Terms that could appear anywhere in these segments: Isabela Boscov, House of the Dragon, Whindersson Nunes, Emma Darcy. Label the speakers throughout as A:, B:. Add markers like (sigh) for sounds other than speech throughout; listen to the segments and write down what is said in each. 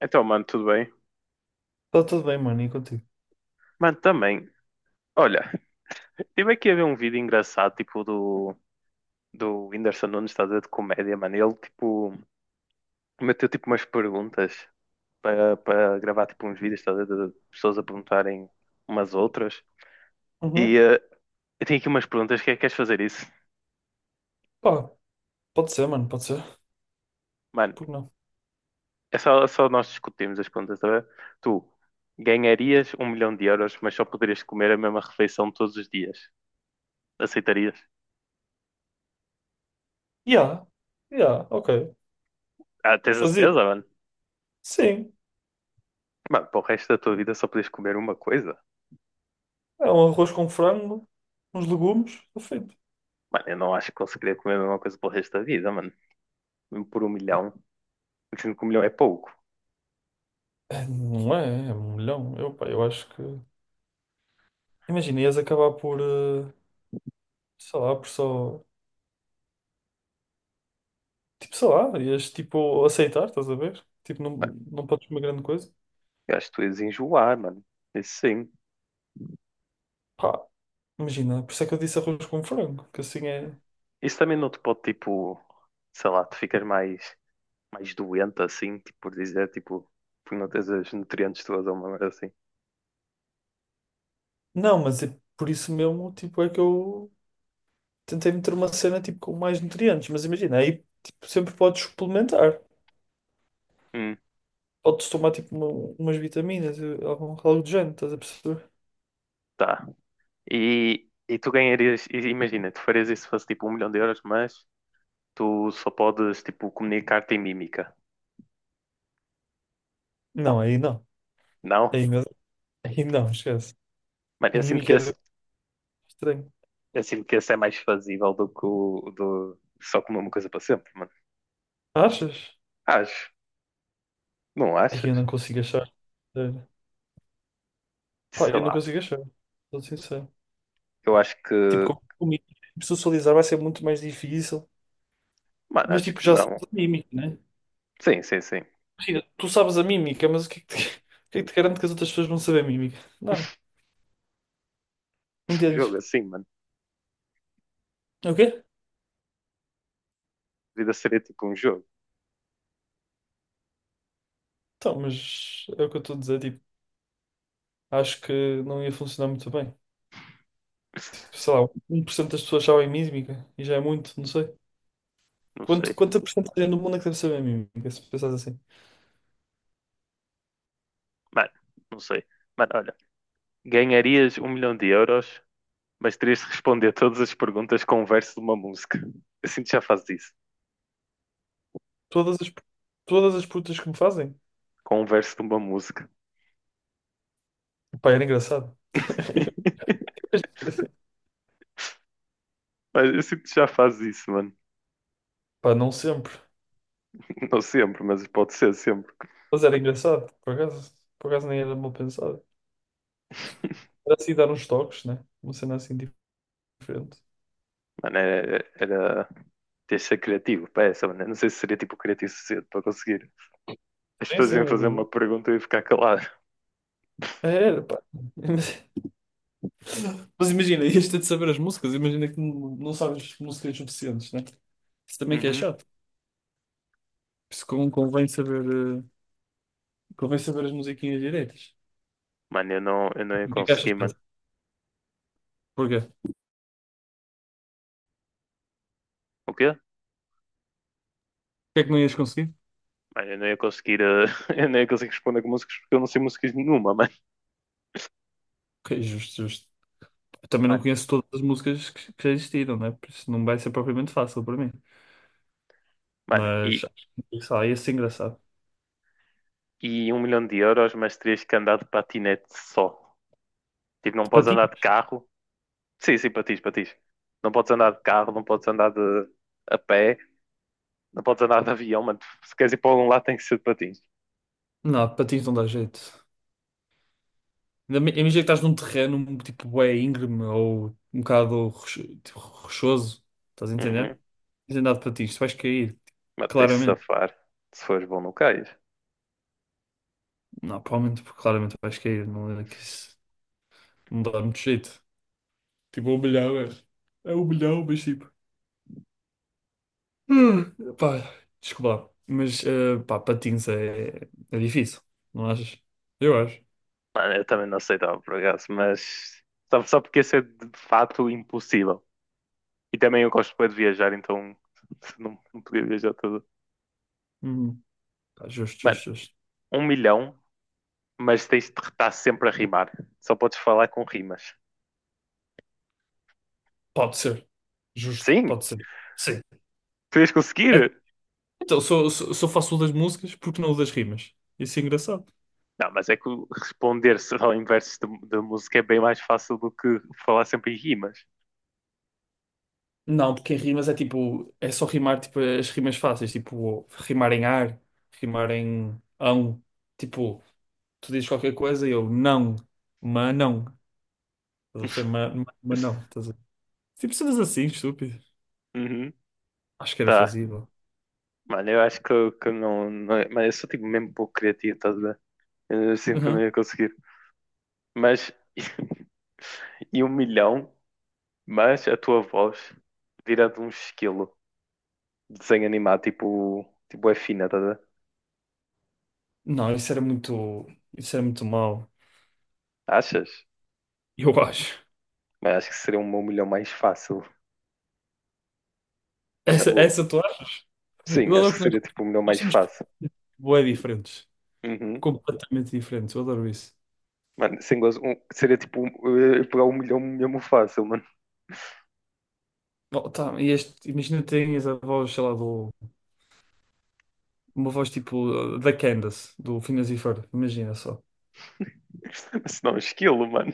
A: Então, mano, tudo bem?
B: Está tudo bem, mano, e contigo?
A: Mano, também. Olha, tive aqui a ver um vídeo engraçado, tipo, do Whindersson Nunes, estás a ver, de comédia, mano. Ele, tipo, meteu, tipo, umas perguntas para gravar, tipo, uns vídeos, estás a ver, de pessoas a perguntarem umas outras. E
B: Uhum.
A: eu tenho aqui umas perguntas, que é que queres fazer isso?
B: Pá, pode ser, mano, pode ser.
A: Mano,
B: Por que não?
A: é só nós discutimos as perguntas, tá bem? Tu ganharias um milhão de euros, mas só poderias comer a mesma refeição todos os dias. Aceitarias?
B: Ya, ya, ok.
A: Ah, tens a
B: Fazia?
A: certeza, mano?
B: Sim.
A: Mano, para o resto da tua vida só podes comer uma coisa?
B: É um arroz com frango, uns legumes, está feito.
A: Mano, eu não acho que conseguiria comer a mesma coisa para o resto da vida, mano. Mesmo por um milhão. Dizendo que um milhão é pouco.
B: É, não é, é um milhão. Eu, pá, eu acho que. Imagina, ias acabar por, sei lá, por só. Tipo, sei lá, ias tipo aceitar, estás a ver? Tipo, não, não podes comer grande coisa.
A: Eu acho que tu ias enjoar, mano. Isso sim.
B: Pá, imagina, por isso é que eu disse arroz com frango, que assim é.
A: Isso também não te pode, tipo, sei lá, tu ficas mais, mais doente assim, tipo, por dizer, tipo, por não teres os nutrientes todos ou uma merda assim.
B: Não, mas é por isso mesmo, tipo, é que eu. Tentei meter uma cena tipo com mais nutrientes, mas imagina, aí tipo, sempre podes suplementar.
A: Hum,
B: Podes tomar tipo umas vitaminas, algo do género, estás a perceber?
A: tá. E tu ganharias, e imagina, tu farias isso se fosse tipo um milhão de euros, mas tu só podes, tipo, comunicar-te em mímica.
B: Não, aí não.
A: Não?
B: Aí, meu- aí não, esquece.
A: Mano, eu sinto que
B: Mímica
A: esse,
B: era estranho.
A: eu sinto que esse é mais fazível do que o do só comer uma coisa para sempre, mano.
B: Achas?
A: Acho. Não
B: Aí eu
A: achas?
B: não consigo achar. Sério. Pá,
A: Sei
B: eu não
A: lá.
B: consigo achar. Sou sincero.
A: Eu acho
B: Tipo,
A: que.
B: com mímica, tipo, socializar vai ser muito mais difícil.
A: Mano,
B: Mas
A: acho
B: tipo,
A: que
B: já
A: não.
B: sabes a mímica, né?
A: Sim, sim, sim.
B: Imagina, tu sabes a mímica, mas o que é que te, (laughs) o que é que te garante que as outras pessoas vão saber a mímica? Nada.
A: Um
B: Entendes?
A: jogo assim, mano.
B: Ok?
A: A vida seria tipo um jogo.
B: Então, mas é o que eu estou a dizer, tipo, acho que não ia funcionar muito bem. Tipo, sei lá, 1% das pessoas sabem mímica e já é muito, não sei.
A: Não sei.
B: Quanta porcentagem do mundo é que deve saber mímica, se pensares assim?
A: Mano, não sei. Mano, olha. Ganharias um milhão de euros, mas terias de responder todas as perguntas com um verso de uma música. Eu sinto que já fazes isso.
B: Todas as, todas as putas que me fazem?
A: Com um verso de uma música.
B: Pá, era engraçado.
A: (laughs)
B: (laughs)
A: Mas eu sinto que já fazes isso, mano.
B: Pá, não sempre.
A: Não sempre, mas pode ser sempre.
B: Mas era engraçado, por acaso. Por acaso nem era mal pensado. Era assim dar uns toques, né? Uma cena assim diferente.
A: Mano, era ter de ser criativo para essa, mano. Eu não sei se seria tipo criativo suficiente para conseguir. As
B: Sim,
A: pessoas
B: sim,
A: iam
B: é
A: fazer
B: verdade.
A: uma pergunta e eu ia ficar calado.
B: Era, pá. (laughs) Mas imagina, ias ter de saber as músicas, imagina que não sabes músicas suficientes, né? Isso também que é
A: Uhum.
B: chato. Por isso eh, convém saber as musiquinhas direitas.
A: Mano, eu não ia
B: E o que é que achas
A: conseguir, mano.
B: disso? Porquê? O
A: O quê?
B: é que não ias conseguir?
A: Mano, eu não ia conseguir, (laughs) eu não ia conseguir responder com músicas porque eu não sei músicas nenhuma, mano.
B: Ok, justo, justo. Eu também não
A: Mano,
B: conheço todas as músicas que já existiram, né? Por isso não vai ser propriamente fácil para mim.
A: mano,
B: Mas
A: e,
B: acho que, sei lá, ia ser engraçado.
A: e um milhão de euros, mas terias que andar de patinete só. Tipo, não
B: De
A: podes andar
B: patins?
A: de carro. Sim, sim, patins. Não podes andar de carro, não podes andar de a pé, não podes andar de avião, mano. Se queres ir para algum lado, tem que ser de patins.
B: Não, de patins não dá jeito. Ainda imagina que estás num terreno tipo bué íngreme ou um bocado tipo, rochoso, estás a entender?
A: Uhum.
B: Tens andado para ti, isto vais cair,
A: Mas tens de
B: claramente.
A: safar. Se fores bom, não cais.
B: Não, provavelmente, porque claramente vais cair, não é que isso não dá muito jeito. Tipo, é um milhão, é. É um milhão, mas tipo. Pá, desculpa lá. Mas, pá, patins é difícil, não achas? Eu acho.
A: Mano, eu também não aceitava por acaso, mas só porque isso é de fato impossível. E também eu gosto bem de viajar, então (laughs) não, não podia viajar tudo.
B: Uhum. Pá, justo,
A: Mano,
B: justo, justo.
A: um milhão, mas tens de estar sempre a rimar. Só podes falar com rimas.
B: Pode ser. Justo,
A: Sim,
B: pode ser. Sim.
A: tu ias
B: É
A: conseguir.
B: Então, só faço o das músicas porque não o das rimas. Isso é engraçado.
A: Não, mas é que o- responder só em versos de música é bem mais fácil do que falar sempre em rimas.
B: Não, porque em rimas é tipo, é só rimar tipo, as rimas fáceis, tipo, rimar em ar, rimar em ão. Tipo, tu dizes qualquer coisa e eu não, mas não. Estás a
A: (laughs)
B: perceber? Mas não. Tipo, cenas assim, estúpido.
A: Uhum,
B: Acho que era
A: tá.
B: fazível.
A: Mano, eu acho que, que eu não, não. Mano, eu sou tipo mesmo pouco criativo, tá? Eu sinto que não
B: Uhum.
A: ia conseguir. Mas. (laughs) E um milhão, mas a tua voz vira de um esquilo de desenho animado, tipo. Tipo, é fina, tá? A ver?
B: Não, isso era muito. Isso era muito mau.
A: Achas?
B: Eu acho.
A: Mas acho que seria um milhão mais fácil, na
B: Essa,
A: boa.
B: essa tu acha? Eu
A: Sim, acho
B: adoro
A: que
B: que nós,
A: seria tipo um milhão
B: nós
A: mais
B: temos
A: fácil.
B: bué diferentes.
A: Uhum.
B: Completamente diferentes. Eu adoro isso.
A: Mano, sem gozo, um- seria tipo um- eh, pegar um milhão mesmo fácil, mano.
B: Oh, tá, e este, imagina tinhas a voz, sei lá, uma voz tipo da Candace, do Phineas e Ferb, imagina só.
A: (laughs) Mas não, um esquilo, mano.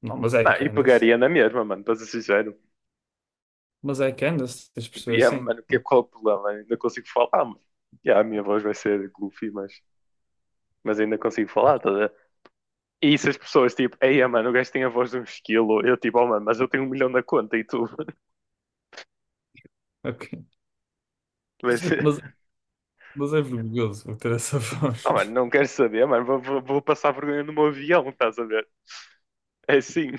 B: Não, mas é
A: Não,
B: a
A: e
B: Candace.
A: pegaria na mesma, mano, para ser sincero.
B: Mas é a Candace, tens de
A: Tipo,
B: perceber
A: yeah,
B: assim,
A: mano,
B: né?
A: qual é o problema? Ainda consigo falar, mano. Yeah, a minha voz vai ser goofy, mas ainda consigo falar, tá a ver? E se as pessoas, tipo, ei, ah, mano, o gajo tem a voz de um esquilo, eu, tipo, oh, mano, mas eu tenho um milhão na conta e tu, (laughs)
B: Ok.
A: mas,
B: (laughs) Mas, mas é vergonhoso ter essa (laughs) voz.
A: oh, mano, não queres saber, mano, vou passar vergonha no meu avião, estás a ver? É assim,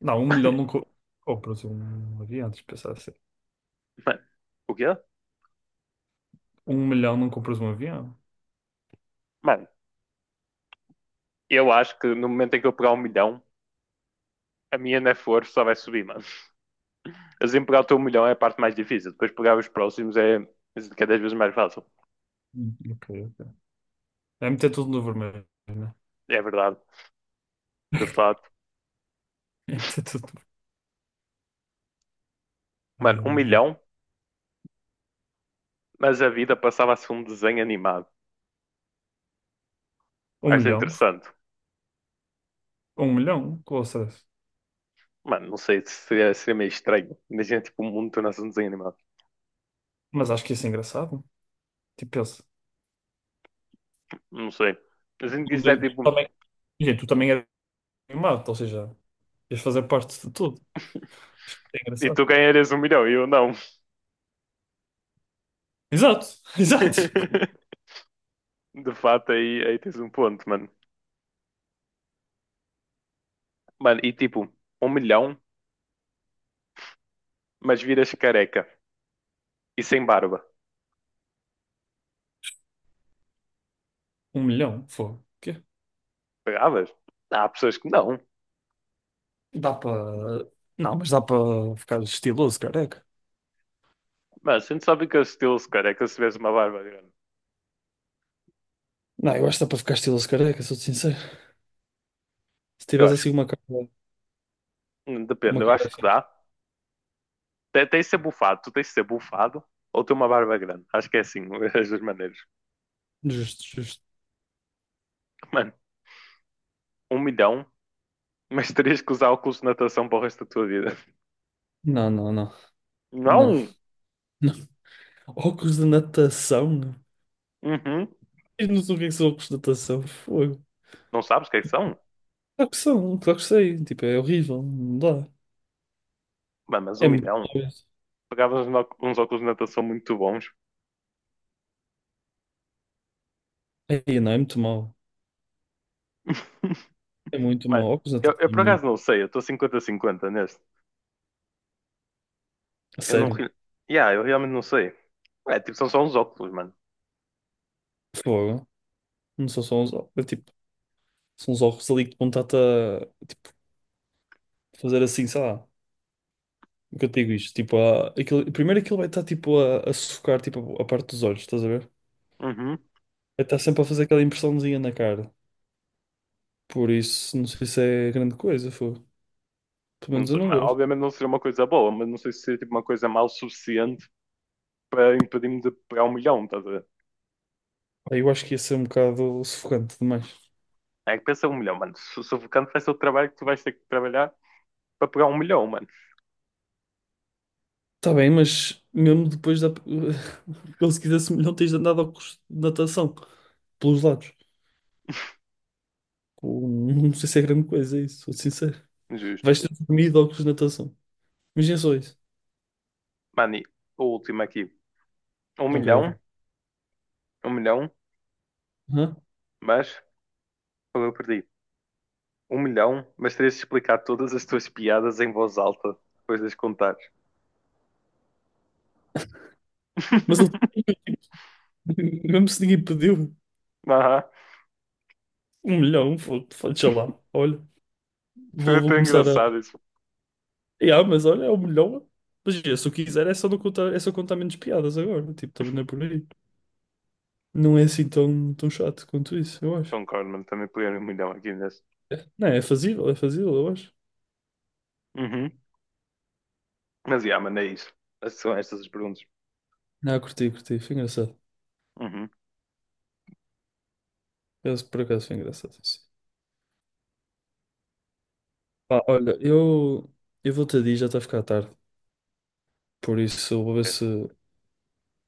B: Não, um milhão não compras um avião, tens de pensar assim.
A: (laughs) mano, o quê?
B: Um milhão não compras um avião?
A: Mano, eu acho que no momento em que eu pegar um milhão, a minha na for só vai subir, mano. Assim, pegar o teu milhão é a parte mais difícil, depois pegar os próximos é cada vez mais fácil,
B: Ok, ok. É meter tudo no vermelho, né?
A: é verdade, de facto.
B: É meter tudo no vermelho.
A: Mano,
B: Ai,
A: um
B: meu Deus.
A: milhão, mas a vida passava-se um desenho animado.
B: Um
A: Acho
B: milhão?
A: interessante.
B: Um milhão? Com o
A: Mano, não sei, seria meio estranho. Imagina, tipo, um mundo tornar-se um desenho animado.
B: Mas acho que isso é engraçado. Tipo, pensa.
A: Não sei. Imagina que isto é
B: Também
A: tipo,
B: Imagina, tu também eras animado, ou seja, ias fazer parte de tudo. Acho que é
A: e
B: engraçado.
A: tu ganharias um milhão e eu não.
B: Exato, (laughs) exato.
A: (laughs) De fato, aí tens um ponto, mano. Mano, e tipo, um milhão, mas viras careca e sem barba.
B: Um milhão, fogo. O quê?
A: Pegavas? Há pessoas que não.
B: Dá para. Não, mas dá para ficar estiloso, careca.
A: Mas a gente só fica estilo-se careca se tivesse uma barba grande.
B: Não, eu acho que dá para ficar estiloso, careca, sou-te sincero. Se
A: Eu
B: tivesse
A: acho,
B: assim uma cara.
A: depende,
B: Uma
A: eu
B: cara
A: acho que
B: fixe.
A: dá. Te- Tens de ser bufado, tu tens de ser bufado ou ter uma barba grande. Acho que é assim, (laughs) as duas maneiras.
B: Justo, justo.
A: Mano, um milhão, mas terias que usar óculos de natação para o resto da tua vida.
B: Não, não, não. Não,
A: Não!
B: não. Óculos de natação?
A: Uhum.
B: Diz-nos o que é que são óculos de natação. Fogo.
A: Não sabes o que é que são?
B: Claro que são, claro que sei. Tipo, é horrível. Não dá.
A: Mano, mas um
B: É muito
A: milhão.
B: mau, isso.
A: Pagavas uns óculos de natação muito bons.
B: É, não, é muito mau. É muito mau.
A: Mano,
B: Óculos de
A: eu,
B: natação.
A: eu por acaso não sei, eu estou 50 a 50 neste.
B: A
A: Eu não.
B: sério?
A: re- Yeah, eu realmente não sei. É, tipo, são só uns óculos, mano.
B: Fogo. Não são só uns ovos. É tipo, são uns ovos ali que vão estar-te a tipo, fazer assim, sei lá. O que eu te digo isto? Tipo, aquilo, primeiro aquilo vai estar tipo a sufocar tipo, a parte dos olhos, estás a ver?
A: Uhum.
B: Vai estar sempre a fazer aquela impressãozinha na cara. Por isso, não sei se é grande coisa, fogo. Pelo
A: Não
B: menos eu
A: sei,
B: não
A: mas
B: gosto.
A: obviamente não seria uma coisa boa, mas não sei se seria tipo uma coisa mal suficiente para impedir-me de pegar um milhão, estás a ver?
B: Pá, eu acho que ia ser um bocado sufocante demais.
A: É que pensa um milhão, mano. Sufocante vai ser o trabalho que tu vais ter que trabalhar para pegar um milhão, mano.
B: Tá bem, mas mesmo depois da. (laughs) Como se quisesse, não tens andado ao curso de natação pelos lados. Pô, não sei se é grande coisa isso, sou sincero.
A: Justo.
B: Vais ter dormido ou de natação. Imagina só isso.
A: Mano, e o último aqui. Um
B: Ok, ok.
A: milhão, Um milhão,
B: Hã?
A: mas foi eu que perdi. Um milhão, mas terias de explicar todas as tuas piadas em voz alta depois de as contares.
B: Mas ele,
A: (laughs)
B: (laughs) mesmo se ninguém pediu,
A: Aham,
B: um milhão, deixa lá. Olha, vou,
A: foi
B: vou
A: tão
B: começar a.
A: engraçado isso.
B: Yeah, mas olha, é um milhão. Mas yeah, se eu quiser, é só, não contar, é só contar menos piadas agora. Tipo, também não é por aí. Não é assim tão, tão chato quanto isso, eu acho.
A: Concordo, mano, também peguei um milhão aqui nesse.
B: É. Não, é fazível, eu acho.
A: Uhum. Mas, yeah, mano, é isso. Essas São estas as perguntas.
B: Não, curti, curti. Foi engraçado.
A: Uhum.
B: Eu, por acaso foi engraçado isso. Pá, olha, eu vou-te a dizer, já está a ficar tarde. Por isso, eu vou ver
A: É.
B: se.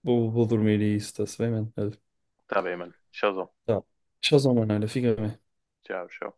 B: Vou dormir e isso está-se bem, mano. Olha,
A: Tá bem, mano. Tchauzão.
B: tá. Tchauzão, mano. Olha, fica bem.
A: Tchau, tchau.